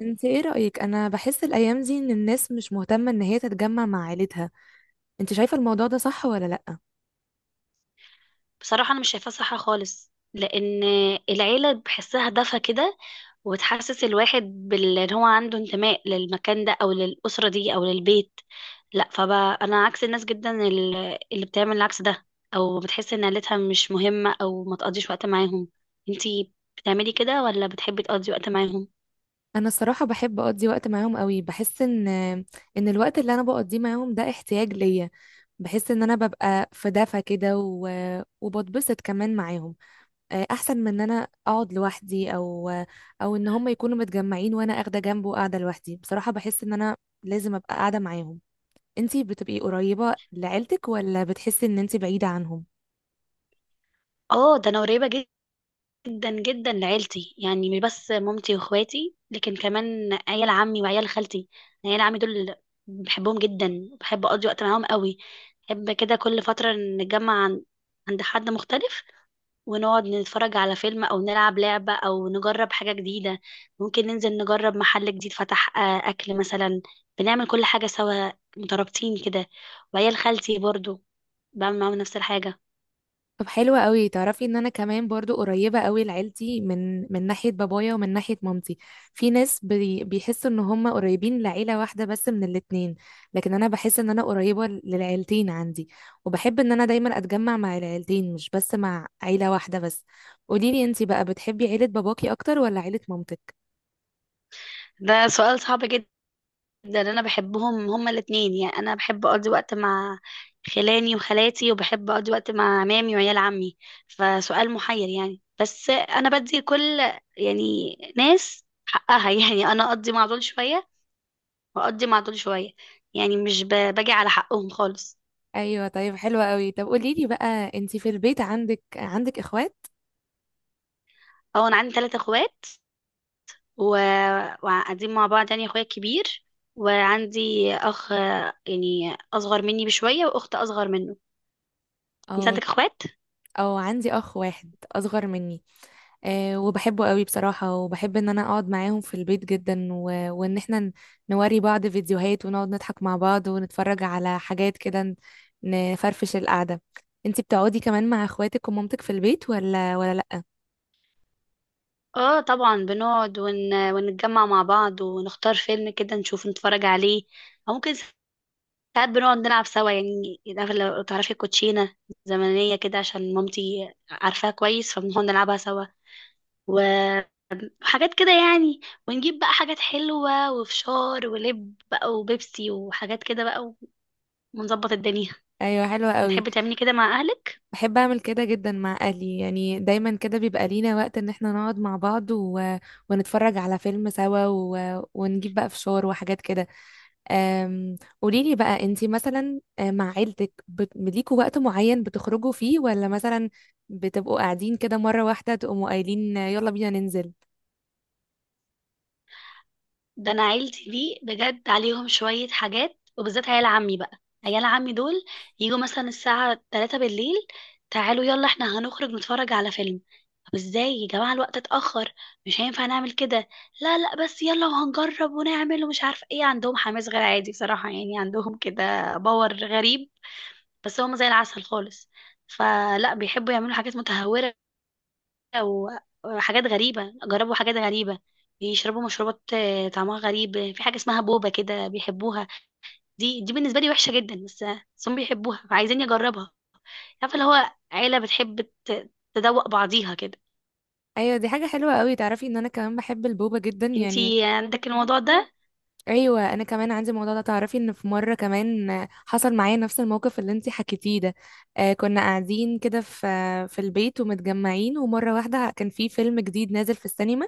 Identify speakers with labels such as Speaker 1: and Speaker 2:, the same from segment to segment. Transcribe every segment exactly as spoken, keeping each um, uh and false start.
Speaker 1: انت ايه رأيك؟ انا بحس الايام دي ان الناس مش مهتمة ان هي تتجمع مع عيلتها. انت شايفة الموضوع ده صح ولا لأ؟
Speaker 2: بصراحة أنا مش شايفاها صح خالص، لأن العيلة بحسها دفى كده وتحسس الواحد بال- إن هو عنده انتماء للمكان ده أو للأسرة دي أو للبيت. لا، فبقى أنا عكس الناس جدا ال- اللي بتعمل العكس ده أو بتحس إن عيلتها مش مهمة أو ما تقضيش وقت معاهم. انتي بتعملي كده ولا بتحبي تقضي وقت معاهم؟
Speaker 1: انا الصراحة بحب اقضي وقت معاهم قوي. بحس ان ان الوقت اللي انا بقضيه معاهم ده احتياج ليا. بحس ان انا ببقى في دفى كده و... وبتبسط كمان معاهم. آه، احسن من ان انا اقعد لوحدي او او ان هم يكونوا متجمعين وانا اخده جنبه وقاعدة لوحدي. بصراحة بحس ان انا لازم ابقى قاعدة معاهم. انتي بتبقي قريبة لعيلتك ولا بتحسي ان انتي بعيدة عنهم؟
Speaker 2: اه، ده أنا قريبة جدا جدا لعيلتي، يعني مش بس مامتي واخواتي لكن كمان عيال عمي وعيال خالتي. عيال عمي دول بحبهم جدا، بحب اقضي وقت معاهم قوي. بحب كده كل فترة نتجمع عن- عند حد مختلف ونقعد نتفرج على فيلم او نلعب لعبة او نجرب حاجة جديدة. ممكن ننزل نجرب محل جديد فتح، آه، اكل مثلا. بنعمل كل حاجة سوا، مترابطين كده. وعيال خالتي برضو بعمل معاهم نفس الحاجة.
Speaker 1: طب حلوة قوي. تعرفي ان انا كمان برضو قريبة قوي لعيلتي، من من ناحية بابايا ومن ناحية مامتي. في ناس بي بيحسوا ان هم قريبين لعيلة واحدة بس من الاتنين، لكن انا بحس ان انا قريبة للعيلتين عندي، وبحب ان انا دايما اتجمع مع العيلتين، مش بس مع عيلة واحدة بس. قوليلي انتي بقى، بتحبي عيلة باباكي اكتر ولا عيلة مامتك؟
Speaker 2: ده سؤال صعب جدا، ده اللي انا بحبهم هما الاتنين. يعني انا بحب اقضي وقت مع خلاني وخالاتي، وبحب اقضي وقت مع عمامي وعيال عمي، فسؤال محير يعني. بس انا بدي كل يعني ناس حقها يعني انا اقضي مع دول شوية واقضي مع دول شوية. يعني مش ب- باجي على حقهم خالص.
Speaker 1: ايوه طيب حلوة قوي. طب قوليلي بقى، انتي في البيت عندك عندك اخوات؟
Speaker 2: اه، انا عندي ثلاثة اخوات و... وقاعدين مع بعض. يعني اخويا كبير وعندي اخ يعني اصغر مني بشوية واخت اصغر منه. انت
Speaker 1: اه.
Speaker 2: عندك اخوات؟
Speaker 1: او عندي اخ واحد اصغر مني. آه، وبحبه قوي بصراحة. وبحب ان انا اقعد معاهم في البيت جدا، و... وان احنا ن- نوري بعض فيديوهات ونقعد نضحك مع بعض ونتفرج على حاجات كده، ن- نفرفش القعدة. انتي بتقعدي كمان مع اخواتك ومامتك في البيت ولا ولا لا؟
Speaker 2: اه طبعا، بنقعد ون... ونتجمع مع بعض ونختار فيلم كده نشوف نتفرج عليه، او ممكن ساعات بنقعد نلعب سوا. يعني عارفة لو تعرفي الكوتشينة زمنية كده عشان مامتي عارفاها كويس، فبنقعد نلعبها سوا وحاجات كده يعني. ونجيب بقى حاجات حلوة وفشار ولب بقى وبيبسي وحاجات كده بقى، ونظبط الدنيا.
Speaker 1: ايوه حلوة قوي.
Speaker 2: بتحبي تعملي كده مع اهلك؟
Speaker 1: بحب اعمل كده جدا مع اهلي. يعني دايما كده بيبقى لينا وقت ان احنا نقعد مع بعض و... ونتفرج على فيلم سوا، و... ونجيب بقى فشار وحاجات كده. أم، قوليلي بقى، انتي مثلا آه، مع عيلتك بت- ليكوا وقت معين بتخرجوا فيه، ولا مثلا بتبقوا قاعدين كده مرة واحدة تقوموا قايلين آه، يلا بينا ننزل؟
Speaker 2: ده انا عيلتي دي بجد عليهم شوية حاجات، وبالذات عيال عمي بقى. عيال عمي دول يجوا مثلا الساعة الثالثة بالليل، تعالوا يلا احنا هنخرج نتفرج على فيلم. طب ازاي يا جماعة الوقت اتأخر، مش هينفع نعمل كده. لا لا، بس يلا وهنجرب ونعمل ومش عارفة ايه. عندهم حماس غير عادي بصراحة، يعني عندهم كده باور غريب. بس هم زي العسل خالص، فلا بيحبوا يعملوا حاجات متهورة و- وحاجات غريبة. جربوا حاجات غريبة، بيشربوا مشروبات آه، طعمها غريب. في حاجة اسمها بوبا كده بيحبوها. دي دي بالنسبة لي وحشة جدا، بس بس هم بيحبوها فعايزين يجربها. عارفة اللي هو عيلة بتحب ت- تدوق بعضيها كده.
Speaker 1: ايوه دي حاجة حلوة قوي. تعرفي ان انا كمان بحب البوبة جدا يعني.
Speaker 2: انتي عندك الموضوع ده؟
Speaker 1: ايوه انا كمان عندي الموضوع ده. تعرفي ان في مرة كمان آه، حصل معايا نفس الموقف اللي انتي حكيتيه ده. آه، كنا قاعدين كده في آه، في البيت ومتجمعين، ومرة واحدة كان في فيلم جديد نازل في السينما.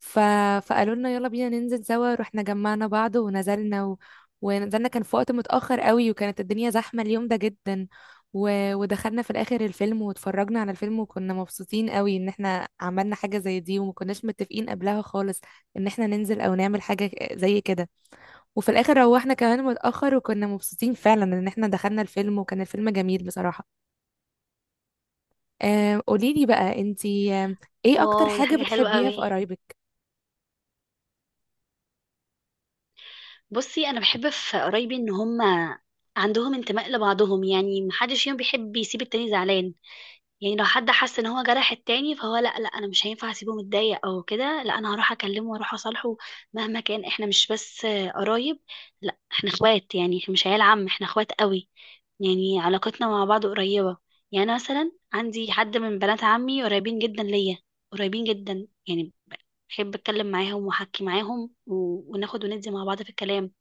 Speaker 1: ف... فقالوا لنا يلا بينا ننزل سوا. رحنا جمعنا بعض ونزلنا، و... ونزلنا. كان في وقت متأخر قوي وكانت الدنيا زحمة اليوم ده جدا. و... ودخلنا في الآخر الفيلم واتفرجنا على الفيلم، وكنا مبسوطين قوي ان احنا عملنا حاجة زي دي وما كناش متفقين قبلها خالص ان احنا ننزل او نعمل حاجة زي كده. وفي الآخر روحنا كمان متأخر، وكنا مبسوطين فعلا ان احنا دخلنا الفيلم، وكان الفيلم جميل بصراحة. آه، قوليلي بقى انتي، آه، ايه اكتر
Speaker 2: واو، ده
Speaker 1: حاجة
Speaker 2: حاجة حلوة
Speaker 1: بتحبيها في
Speaker 2: قوي.
Speaker 1: قرايبك؟
Speaker 2: بصي انا بحب في قرايبي ان هم عندهم انتماء لبعضهم. يعني محدش فيهم بيحب يسيب التاني زعلان، يعني لو حد حس ان هو جرح التاني فهو لا لا، انا مش هينفع اسيبه متضايق او كده. لا، انا هروح اكلمه واروح اصالحه مهما كان. احنا مش بس آه، قرايب، لا احنا اخوات. يعني احنا مش عيال عم، احنا اخوات قوي. يعني علاقتنا مع بعض قريبة. يعني أنا مثلا عندي حد من بنات عمي قريبين جدا ليا، قريبين جدا يعني. بحب اتكلم معاهم واحكي معاهم و... وناخد وندي مع بعض في الكلام.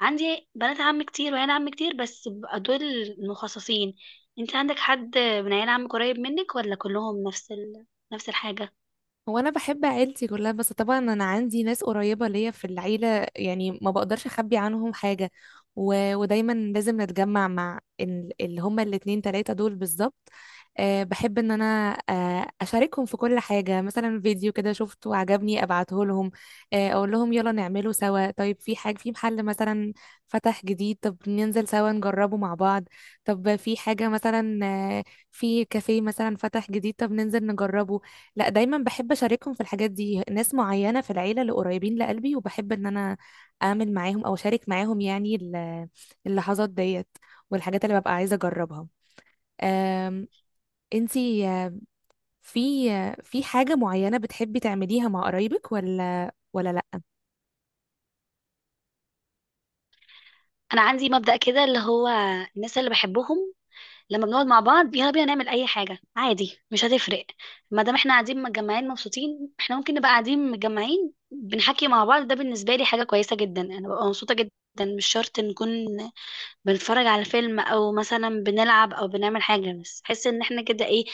Speaker 2: عندي بنات عم كتير وعيال عم كتير، بس بقى دول المخصصين. انت عندك حد من عيال عم قريب منك ولا كلهم نفس ال... نفس الحاجة؟
Speaker 1: هو انا بحب عيلتي كلها، بس طبعا انا عندي ناس قريبه ليا في العيله، يعني ما بقدرش اخبي عنهم حاجه. و... ودايما لازم نتجمع مع ال... اللي هما الاتنين تلاته دول بالظبط. أه بحب ان انا أه اشاركهم في كل حاجه. مثلا فيديو كده شفته عجبني ابعته لهم، أه اقول لهم يلا نعمله سوا. طيب في حاجه في محل مثلا فتح جديد، طب ننزل سوا نجربه مع بعض. طب في حاجه مثلا، آه، في كافيه مثلا فتح جديد، طب ننزل نجربه. لا دايما بحب اشاركهم في الحاجات دي، ناس معينه في العيله اللي قريبين لقلبي، وبحب ان انا اعمل معاهم او اشارك معاهم يعني ال- اللحظات ديت والحاجات اللي ببقى عايزه اجربها. أم، انتي آه، في آه، في حاجه معينه بتحبي تعمليها مع قرايبك ولا ولا لا؟
Speaker 2: انا عندي مبدأ كده اللي هو الناس اللي بحبهم لما بنقعد مع بعض يلا بينا نعمل اي حاجة عادي، مش هتفرق. ما دام احنا قاعدين متجمعين مبسوطين، احنا ممكن نبقى قاعدين متجمعين بنحكي مع بعض. ده بالنسبة لي حاجة كويسة جدا، انا ببقى مبسوطة جدا. مش شرط نكون بنتفرج على فيلم او مثلا بنلعب او بنعمل حاجة، بس حس ان احنا كده ايه،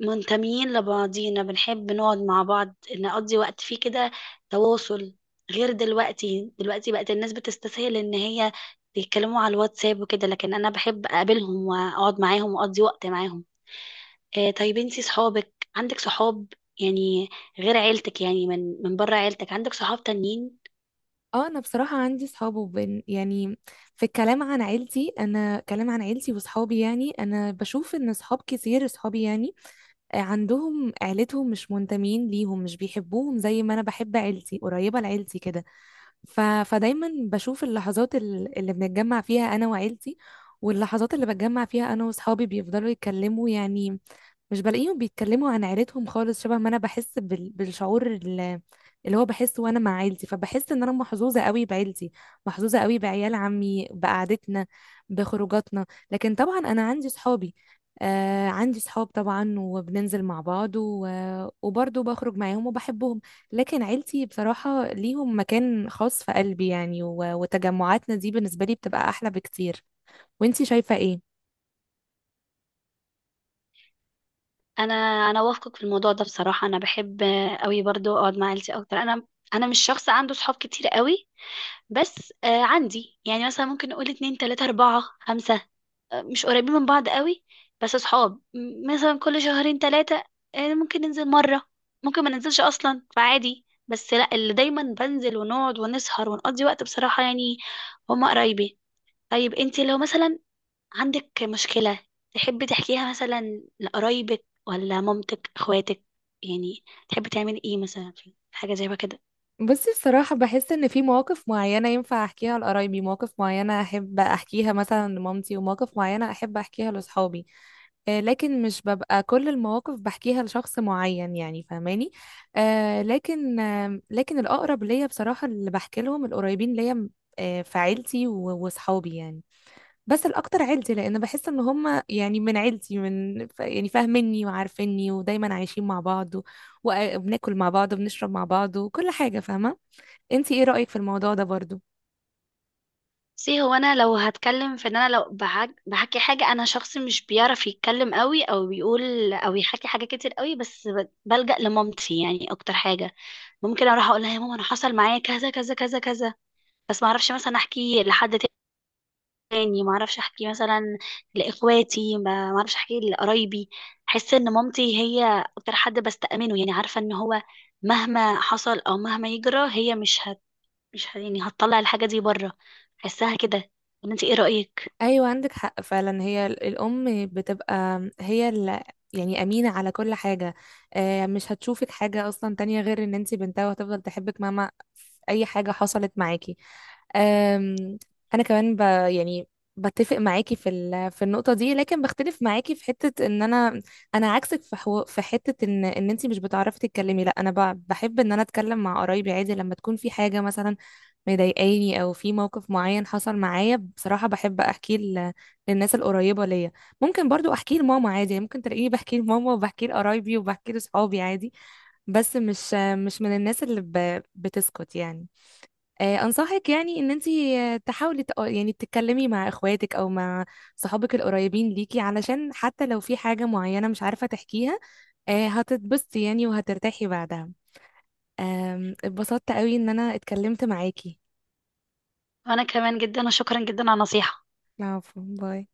Speaker 2: منتميين لبعضينا. بنحب نقعد مع بعض نقضي وقت فيه كده، تواصل. غير دلوقتي، دلوقتي بقت الناس بتستسهل ان هي يتكلموا على الواتساب وكده، لكن انا بحب اقابلهم واقعد معاهم واقضي وقت معاهم. آه، طيب انتي صحابك؟ عندك صحاب يعني غير عيلتك؟ يعني من من بره عيلتك عندك صحاب تانيين؟
Speaker 1: اه انا بصراحه عندي صحاب وبن يعني في الكلام عن عيلتي، انا كلام عن عيلتي وصحابي، يعني انا بشوف ان صحاب كتير صحابي يعني عندهم عيلتهم مش منتمين ليهم، مش بيحبوهم زي ما انا بحب عيلتي قريبة لعيلتي كده. ف... فدايما بشوف اللحظات ال- اللي بنتجمع فيها انا وعيلتي، واللحظات اللي بتجمع فيها انا واصحابي بيفضلوا يتكلموا يعني، مش بلاقيهم بيتكلموا عن عيلتهم خالص شبه ما انا بحس بال... بالشعور ال- اللي هو بحسه وانا مع عيلتي. فبحس ان انا محظوظه قوي بعيلتي، محظوظه قوي بعيال عمي، بقعدتنا، بخروجاتنا. لكن طبعا انا عندي صحابي، آه عندي صحاب طبعا، وبننزل مع بعض، و... وبرضه بخرج معاهم وبحبهم، لكن عيلتي بصراحه ليهم مكان خاص في قلبي يعني، و... وتجمعاتنا دي بالنسبه لي بتبقى احلى بكتير. وانتي شايفه ايه؟
Speaker 2: انا انا وافقك في الموضوع ده بصراحه. انا بحب قوي برضو اقعد مع عيلتي اكتر. انا انا مش شخص عنده صحاب كتير قوي، بس آه عندي يعني مثلا ممكن نقول اتنين تلاتة أربعة خمسة. آه مش قريبين من بعض قوي. بس صحاب م- مثلا كل شهرين تلاتة، آه ممكن ننزل مرة، ممكن ما ننزلش أصلا فعادي. بس لا، اللي دايما بنزل ونقعد ونسهر ونقضي وقت بصراحة يعني هما قرايبي. طيب انتي لو مثلا عندك مشكلة تحبي تحكيها مثلا لقرايبك ولا مامتك اخواتك؟ يعني تحبي تعملي ايه مثلا في حاجة زي ما كده؟
Speaker 1: بصي بصراحة بحس إن في مواقف معينة ينفع أحكيها لقرايبي، مواقف معينة أحب أحكيها مثلا لمامتي، ومواقف معينة أحب أحكيها لأصحابي. آه لكن مش ببقى كل المواقف بحكيها لشخص معين، يعني فاهماني. آه لكن، آه لكن الأقرب ليا بصراحة اللي بحكي لهم القريبين ليا، آه في عيلتي و- وأصحابي يعني. بس الأكتر عيلتي، لأن بحس إن هم يعني من عيلتي، من ف- يعني فاهميني وعارفيني ودايما عايشين مع بعض و- وبناكل مع بعض وبنشرب مع بعض وكل حاجة فاهمة. انتي ايه رأيك في الموضوع ده برضو؟
Speaker 2: سي هو انا لو هتكلم في ان انا لو بحك... بحكي حاجة، انا شخص مش بيعرف يتكلم قوي او بيقول او يحكي حاجة كتير قوي. بس ب- بلجأ لمامتي يعني اكتر حاجة. ممكن اروح اقول لها يا ماما انا حصل معايا كذا كذا كذا كذا، بس ما اعرفش مثلا احكي لحد تاني، ما اعرفش احكي مثلا لاخواتي، ما ما اعرفش احكي لقرايبي. احس ان مامتي هي اكتر حد بستأمنه. يعني عارفه ان هو مهما حصل او مهما يجرى هي مش هت مش هت... يعني هتطلع الحاجه دي بره. احسها كده، ولا انت ايه رأيك؟
Speaker 1: ايوه عندك حق فعلا، هي ال- الام بتبقى هي ال- يعني امينة على كل حاجة. آه، مش هتشوفك حاجة اصلا تانية غير ان انتي بنتها، وهتفضل تحبك مهما اي حاجة حصلت معاكي. آم، انا كمان ب يعني بتفق معاكي في ال- في النقطة دي، لكن بختلف معاكي في حتة ان انا، انا عكسك في حو... في حتة ان ان انتي مش بتعرفي تتكلمي. لا انا ب... بحب ان انا اتكلم مع قرايبي عادي، لما تكون في حاجة مثلا مضايقاني او في موقف معين حصل معايا، بصراحة بحب احكيه ل- للناس القريبة ليا. ممكن برضو احكيه لماما عادي، يعني ممكن تلاقيني بحكيه لماما وبحكيه لقرايبي وبحكيه لصحابي عادي، بس مش، مش من الناس اللي ب- بتسكت يعني. آه، انصحك يعني ان انتي آه، تحاولي تق- يعني تتكلمي مع اخواتك او مع صحابك القريبين ليكي، علشان حتى لو في حاجة معينة مش عارفة تحكيها، آه، هتتبسطي يعني وهترتاحي بعدها. آم، اتبسطت قوي ان انا اتكلمت معاكي.
Speaker 2: وانا كمان جدا، وشكرا جدا على النصيحه.
Speaker 1: العفو، باي.